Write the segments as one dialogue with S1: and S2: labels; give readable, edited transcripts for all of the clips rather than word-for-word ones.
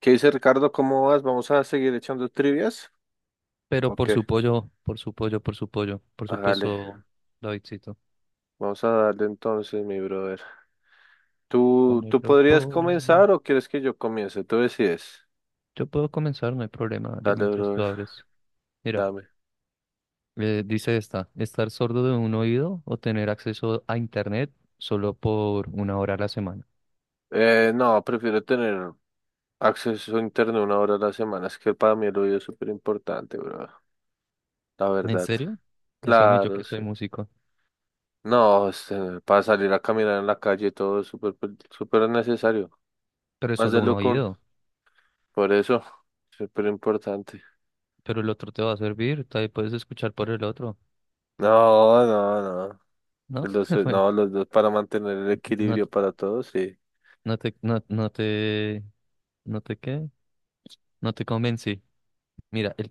S1: ¿Qué dice Ricardo? ¿Cómo vas? ¿Vamos a seguir echando trivias?
S2: Pero
S1: Ok,
S2: por su pollo, por su pollo, por su pollo, por
S1: hágale.
S2: supuesto, Davidcito.
S1: Vamos a darle entonces, mi brother. ¿Tú
S2: Ponelo,
S1: podrías
S2: ponelo.
S1: comenzar o quieres que yo comience? Tú decides.
S2: Yo puedo comenzar, no hay problema, dale,
S1: Dale,
S2: mientras tú
S1: brother.
S2: abres. Mira,
S1: Dame.
S2: dice estar sordo de un oído o tener acceso a internet solo por una hora a la semana.
S1: No, prefiero tener acceso a internet 1 hora a la semana. Es que para mí el oído es súper importante, brother. La
S2: ¿En
S1: verdad.
S2: serio? Eso ni yo
S1: Claro,
S2: que soy
S1: sí.
S2: músico.
S1: No, para salir a caminar en la calle todo es súper, súper necesario.
S2: Pero es
S1: Más
S2: solo
S1: de
S2: un
S1: lo que uno.
S2: oído,
S1: Por eso, súper importante.
S2: pero el otro te va a servir, tal vez puedes escuchar por el otro,
S1: No, no, no.
S2: ¿no?
S1: Los,
S2: Bueno,
S1: no, los dos para mantener el
S2: no, te,
S1: equilibrio para todos, sí.
S2: no te, no, no te, no te qué, no te convencí. Mira, el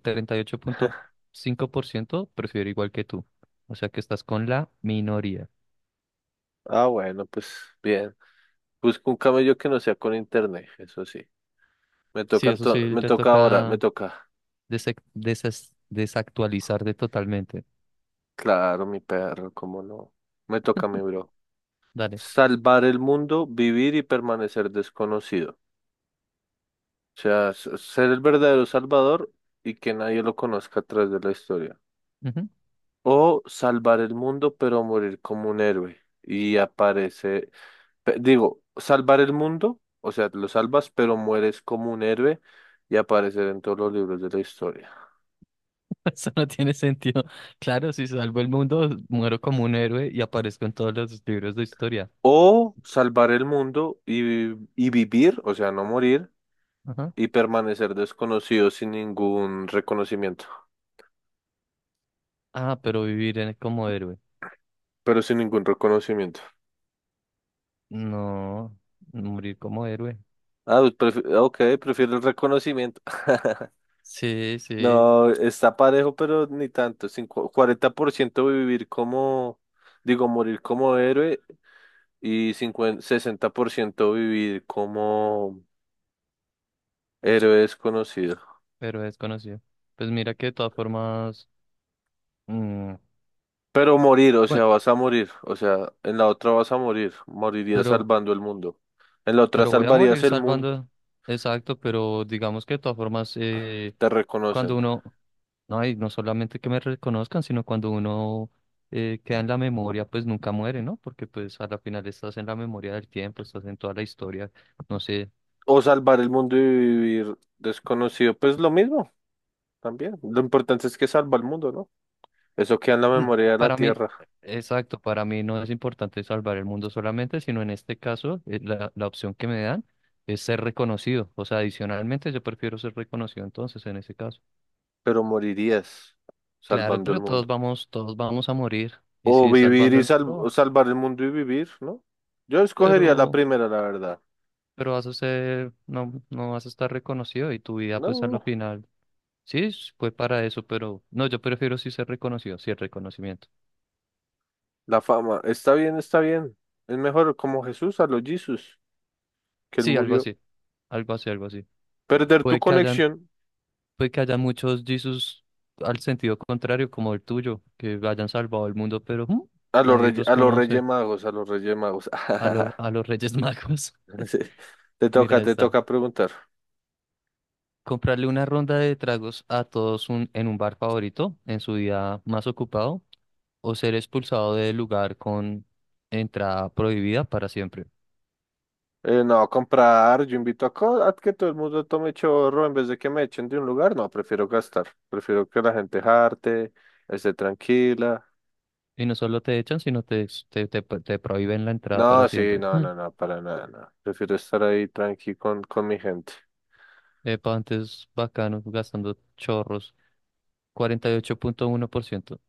S2: 38.5% prefiero igual que tú. O sea que estás con la minoría.
S1: Ah, bueno, pues bien. Busco un camello que no sea con internet, eso sí. Me
S2: Sí,
S1: toca
S2: eso
S1: ento-
S2: sí,
S1: me
S2: te
S1: toca ahora, me
S2: toca
S1: toca.
S2: desactualizar de totalmente.
S1: Claro, mi perro, cómo no. Me toca mi bro.
S2: Dale.
S1: Salvar el mundo, vivir y permanecer desconocido. O sea, ser el verdadero salvador y que nadie lo conozca a través de la historia.
S2: Ujú.
S1: O salvar el mundo, pero morir como un héroe. Digo, salvar el mundo, o sea, lo salvas, pero mueres como un héroe y aparecer en todos los libros de la historia.
S2: Eso no tiene sentido. Claro, si salvo el mundo, muero como un héroe y aparezco en todos los libros de historia.
S1: O salvar el mundo y vivir, o sea, no morir,
S2: Ajá.
S1: y permanecer desconocido sin ningún reconocimiento.
S2: Ah, pero vivir como héroe.
S1: Pero sin ningún reconocimiento.
S2: No, morir como héroe.
S1: Ah, pues ok, prefiero el reconocimiento.
S2: Sí, sí,
S1: No, está parejo, pero ni tanto, 40% vivir como, digo, morir como héroe y 50%, 60% vivir como héroe desconocido.
S2: pero es conocido. Pues mira que de todas formas, mm,
S1: Pero morir, o sea,
S2: bueno,
S1: vas a morir. O sea, en la otra vas a morir. Morirías
S2: pero
S1: salvando el mundo. En la otra
S2: Pero voy a
S1: salvarías
S2: morir
S1: el mundo.
S2: salvando. Exacto, pero digamos que de todas formas,
S1: Te
S2: cuando
S1: reconocen.
S2: uno, no, y no solamente que me reconozcan, sino cuando uno queda en la memoria, pues nunca muere, ¿no? Porque pues a la final estás en la memoria del tiempo, estás en toda la historia, no sé.
S1: O salvar el mundo y vivir desconocido, pues lo mismo también. Lo importante es que salva el mundo, ¿no? Eso queda en la
S2: No,
S1: memoria de la
S2: para mí,
S1: tierra.
S2: exacto, para mí no es importante salvar el mundo solamente, sino en este caso, la opción que me dan es ser reconocido. O sea, adicionalmente yo prefiero ser reconocido entonces en ese caso.
S1: Pero morirías
S2: Claro,
S1: salvando el
S2: pero
S1: mundo.
S2: todos vamos a morir. Y
S1: O
S2: si
S1: vivir
S2: salvando
S1: y
S2: el
S1: o
S2: mundo,
S1: salvar el mundo y vivir, ¿no? Yo escogería la
S2: pero,
S1: primera, la verdad.
S2: pero vas a ser, no vas a estar reconocido y tu vida pues a la
S1: No.
S2: final. Sí, fue para eso, pero no, yo prefiero sí ser reconocido, sí el reconocimiento.
S1: La fama, está bien, está bien. Es mejor como Jesús a los Jesús, que él
S2: Sí, algo
S1: murió.
S2: así, algo así, algo así.
S1: Perder tu
S2: Puede que hayan,
S1: conexión
S2: puede que haya muchos Jesus al sentido contrario, como el tuyo, que hayan salvado el mundo, pero nadie los
S1: a los Reyes
S2: conoce.
S1: Magos, a los Reyes Magos.
S2: A los Reyes Magos.
S1: Sí.
S2: Mira
S1: Te
S2: esta.
S1: toca preguntar.
S2: Comprarle una ronda de tragos a todos en un bar favorito en su día más ocupado o ser expulsado del lugar con entrada prohibida para siempre.
S1: No, comprar, yo invito a que todo el mundo tome chorro en vez de que me echen de un lugar. No, prefiero gastar. Prefiero que la gente jarte, esté tranquila.
S2: Y no solo te echan, sino te, ex- te pro- te prohíben la entrada
S1: No,
S2: para
S1: sí,
S2: siempre.
S1: no,
S2: Mm.
S1: no, no, para nada, no. Prefiero estar ahí tranqui con mi gente.
S2: Epa, antes bacano, gastando chorros. 48.1%.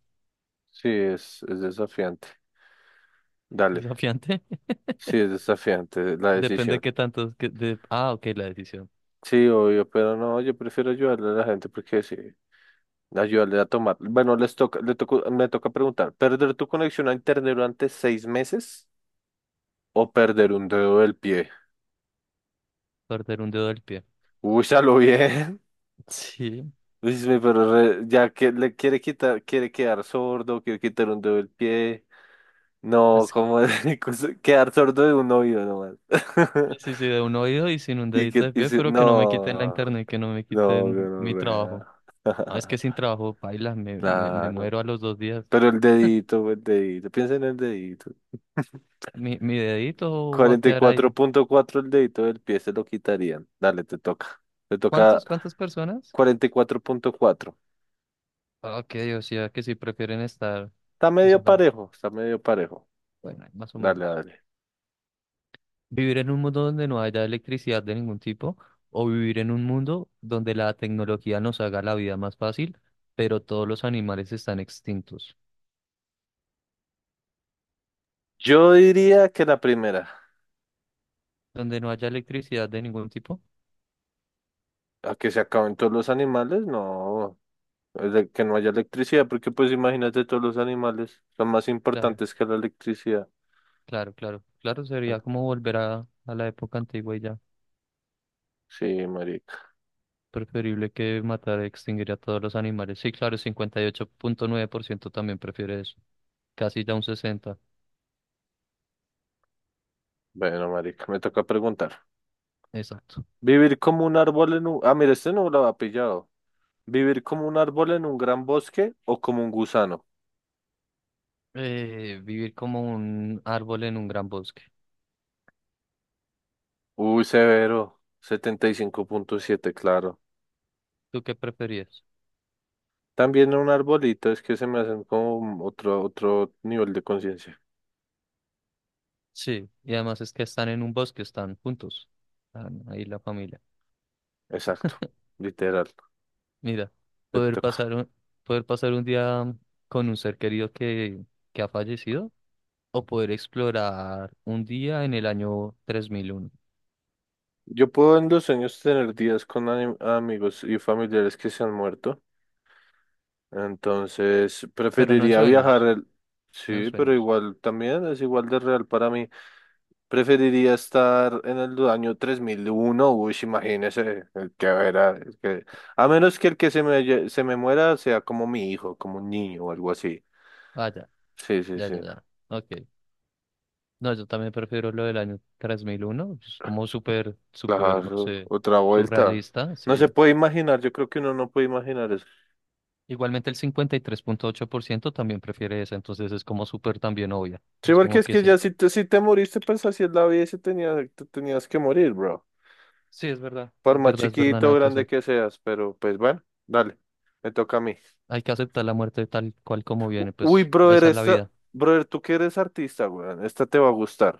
S1: Sí, es desafiante. Dale.
S2: Desafiante.
S1: Sí, es desafiante la
S2: Depende de
S1: decisión.
S2: qué tanto. Ah, ok, la decisión.
S1: Sí, obvio, pero no, yo prefiero ayudarle a la gente porque sí, ayudarle a tomar. Bueno, les toca, le toco- me toca preguntar, ¿perder tu conexión a internet durante 6 meses o perder un dedo del pie?
S2: Perder un dedo del pie.
S1: Uy, ya lo bien.
S2: Sí.
S1: Dice, pero ya que le quiere quitar, quiere quedar sordo, quiere quitar un dedo del pie. No, como quedar sordo de un oído nomás.
S2: Sí, sí, sí, de un oído y sin un
S1: Y
S2: dedito
S1: que,
S2: de
S1: y
S2: pie,
S1: si-
S2: pero que no me quiten la
S1: no,
S2: internet, que no me
S1: no, no,
S2: quiten mi
S1: no.
S2: trabajo. Ah, es que sin trabajo, paila, me
S1: Claro.
S2: muero a los 2 días.
S1: Pero el dedito, el dedito. Piensa en el dedito.
S2: Mi dedito va a
S1: Cuarenta y
S2: quedar
S1: cuatro
S2: ahí.
S1: punto cuatro el dedito del pie se lo quitarían. Dale, te toca. Te toca
S2: ¿Cuántas personas?
S1: 44,4.
S2: Ah, ok, o sea, que si prefieren estar,
S1: Está
S2: o sea,
S1: medio parejo, está medio parejo.
S2: bueno, ahí más o
S1: Dale,
S2: menos.
S1: dale.
S2: Vivir en un mundo donde no haya electricidad de ningún tipo, o vivir en un mundo donde la tecnología nos haga la vida más fácil, pero todos los animales están extintos.
S1: Yo diría que la primera,
S2: Donde no haya electricidad de ningún tipo,
S1: a que se acaben todos los animales, no, es de que no haya electricidad, porque pues imagínate todos los animales son más
S2: claro.
S1: importantes que la electricidad.
S2: Claro, claro. Claro, sería como volver a la época antigua y ya.
S1: Sí, marica.
S2: Preferible que matar, extinguir a todos los animales. Sí, claro, 58.9% también prefiere eso. Casi ya un 60.
S1: Bueno, marica, me toca preguntar.
S2: Exacto.
S1: Vivir como un árbol en un... Ah, mira, este no lo ha pillado. Vivir como un árbol en un gran bosque o como un gusano.
S2: Vivir como un árbol en un gran bosque.
S1: Uy, severo. 75,7 claro.
S2: ¿Tú qué preferías?
S1: También un arbolito, es que se me hacen como otro, otro nivel de conciencia.
S2: Sí, y además es que están en un bosque, están juntos. Están ahí la familia.
S1: Exacto. Literal.
S2: Mira,
S1: Te
S2: poder
S1: toca.
S2: pasar un, poder pasar un día con un ser querido que ha fallecido o poder explorar un día en el año 3001.
S1: Yo puedo en los sueños tener días con amigos y familiares que se han muerto. Entonces,
S2: Pero no en
S1: preferiría viajar
S2: sueños,
S1: el...
S2: no en
S1: Sí, pero
S2: sueños.
S1: igual también es igual de real para mí. Preferiría estar en el año 3001, uy, sí, imagínese, el que era, a menos que el que se me muera sea como mi hijo, como un niño o algo así.
S2: Ah, ya,
S1: Sí, sí,
S2: ya, ya,
S1: sí,
S2: ya. Ok. No, yo también prefiero lo del año 3001. Es como súper, súper, no
S1: claro,
S2: sé,
S1: otra vuelta.
S2: surrealista,
S1: No se
S2: sí.
S1: puede imaginar, yo creo que uno no puede imaginar eso.
S2: Igualmente el 53.8% también prefiere esa, entonces es como súper también obvia.
S1: Sí,
S2: Es
S1: porque
S2: como
S1: es
S2: que
S1: que
S2: sí.
S1: ya si te moriste, pues así es la vida y se tenía, te tenías que morir, bro.
S2: Sí, es verdad.
S1: Por
S2: Es
S1: más
S2: verdad, es verdad,
S1: chiquito o
S2: nada que
S1: grande
S2: hacer.
S1: que seas, pero pues bueno, dale, me toca a mí.
S2: Hay que aceptar la muerte tal cual como viene,
S1: Uy,
S2: pues
S1: brother,
S2: esa es la
S1: esta,
S2: vida.
S1: brother, tú que eres artista, weón, esta te va a gustar.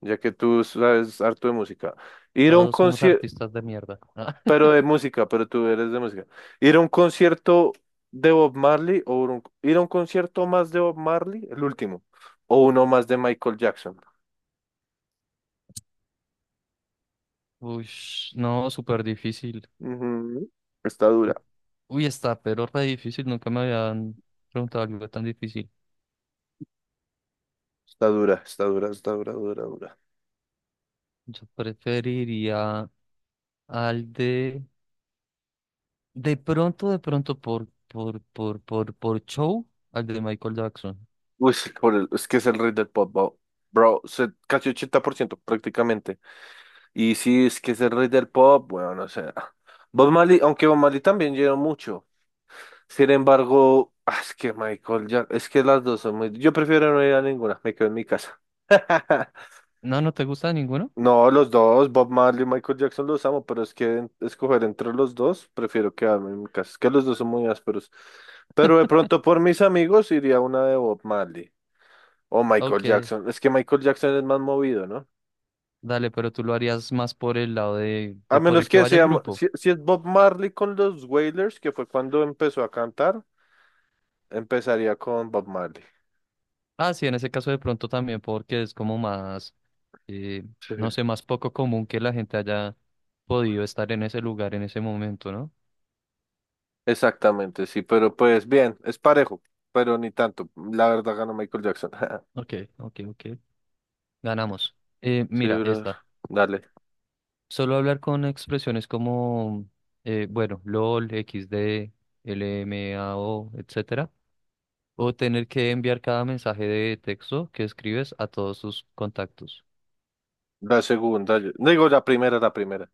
S1: Ya que tú sabes harto de música. Ir a un
S2: Todos somos
S1: concierto,
S2: artistas de mierda.
S1: pero de música, pero tú eres de música. Ir a un concierto de Bob Marley o ir a un concierto más de Bob Marley, el último, o uno más de Michael Jackson.
S2: Uy, no, súper difícil.
S1: Ujú. Está dura,
S2: U- Uy, está, pero re difícil. Nunca me habían preguntado algo tan difícil.
S1: está dura, está dura, está dura, dura, dura.
S2: Yo preferiría al de. De pronto, por show, al de Michael Jackson.
S1: Uy, sí, es que es el rey del pop, bro. Bro, casi 80% prácticamente. Y sí, es que es el rey del pop, bueno, no sé. Bob Marley, aunque Bob Marley también llenó mucho. Sin embargo, ah, es que Michael ya, es que las dos son muy... Yo prefiero no ir a ninguna, me quedo en mi casa.
S2: No, no te gusta ninguno.
S1: No, los dos, Bob Marley y Michael Jackson los amo, pero es que escoger entre los dos, prefiero quedarme en mi casa. Es que los dos son muy ásperos. Pero de pronto por mis amigos iría a una de Bob Marley. O Michael
S2: Ok,
S1: Jackson. Es que Michael Jackson es más movido, ¿no?
S2: dale, pero tú lo harías más por el lado de,
S1: A
S2: de por
S1: menos
S2: el que
S1: que
S2: vaya el
S1: sea,
S2: grupo.
S1: si es Bob Marley con los Wailers, que fue cuando empezó a cantar, empezaría con Bob Marley.
S2: Ah, sí, en ese caso de pronto también, porque es como más, eh,
S1: Sí.
S2: no sé, más poco común que la gente haya podido estar en ese lugar en ese momento, ¿no?
S1: Exactamente, sí, pero pues bien, es parejo, pero ni tanto. La verdad ganó Michael Jackson.
S2: Ok, ok, ok. Ganamos.
S1: Sí,
S2: Mira,
S1: brother.
S2: esta.
S1: Dale.
S2: Solo hablar con expresiones como, bueno, LOL, x XD, LMAO, etcétera. O tener que enviar cada mensaje de texto que escribes a todos tus contactos.
S1: La segunda, digo la primera, la primera.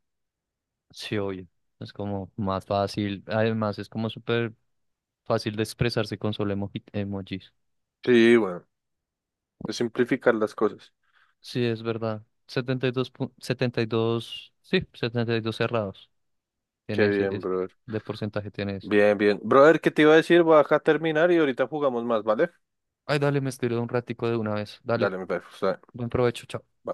S2: Sí, obvio. Es como más fácil. Además, es como súper fácil de expresarse con solo emojis.
S1: Sí, bueno, es simplificar las cosas.
S2: Sí, es verdad. 72, 72 sí, 72 cerrados.
S1: Qué
S2: Tiene ese,
S1: bien, brother.
S2: de porcentaje tiene ese.
S1: Bien, bien. Brother, ¿qué te iba a decir? Voy acá a terminar y ahorita jugamos más, ¿vale?
S2: Ay, dale, me estiré un ratico de una vez. Dale.
S1: Dale, mi perro. Está bien.
S2: Buen provecho, chao.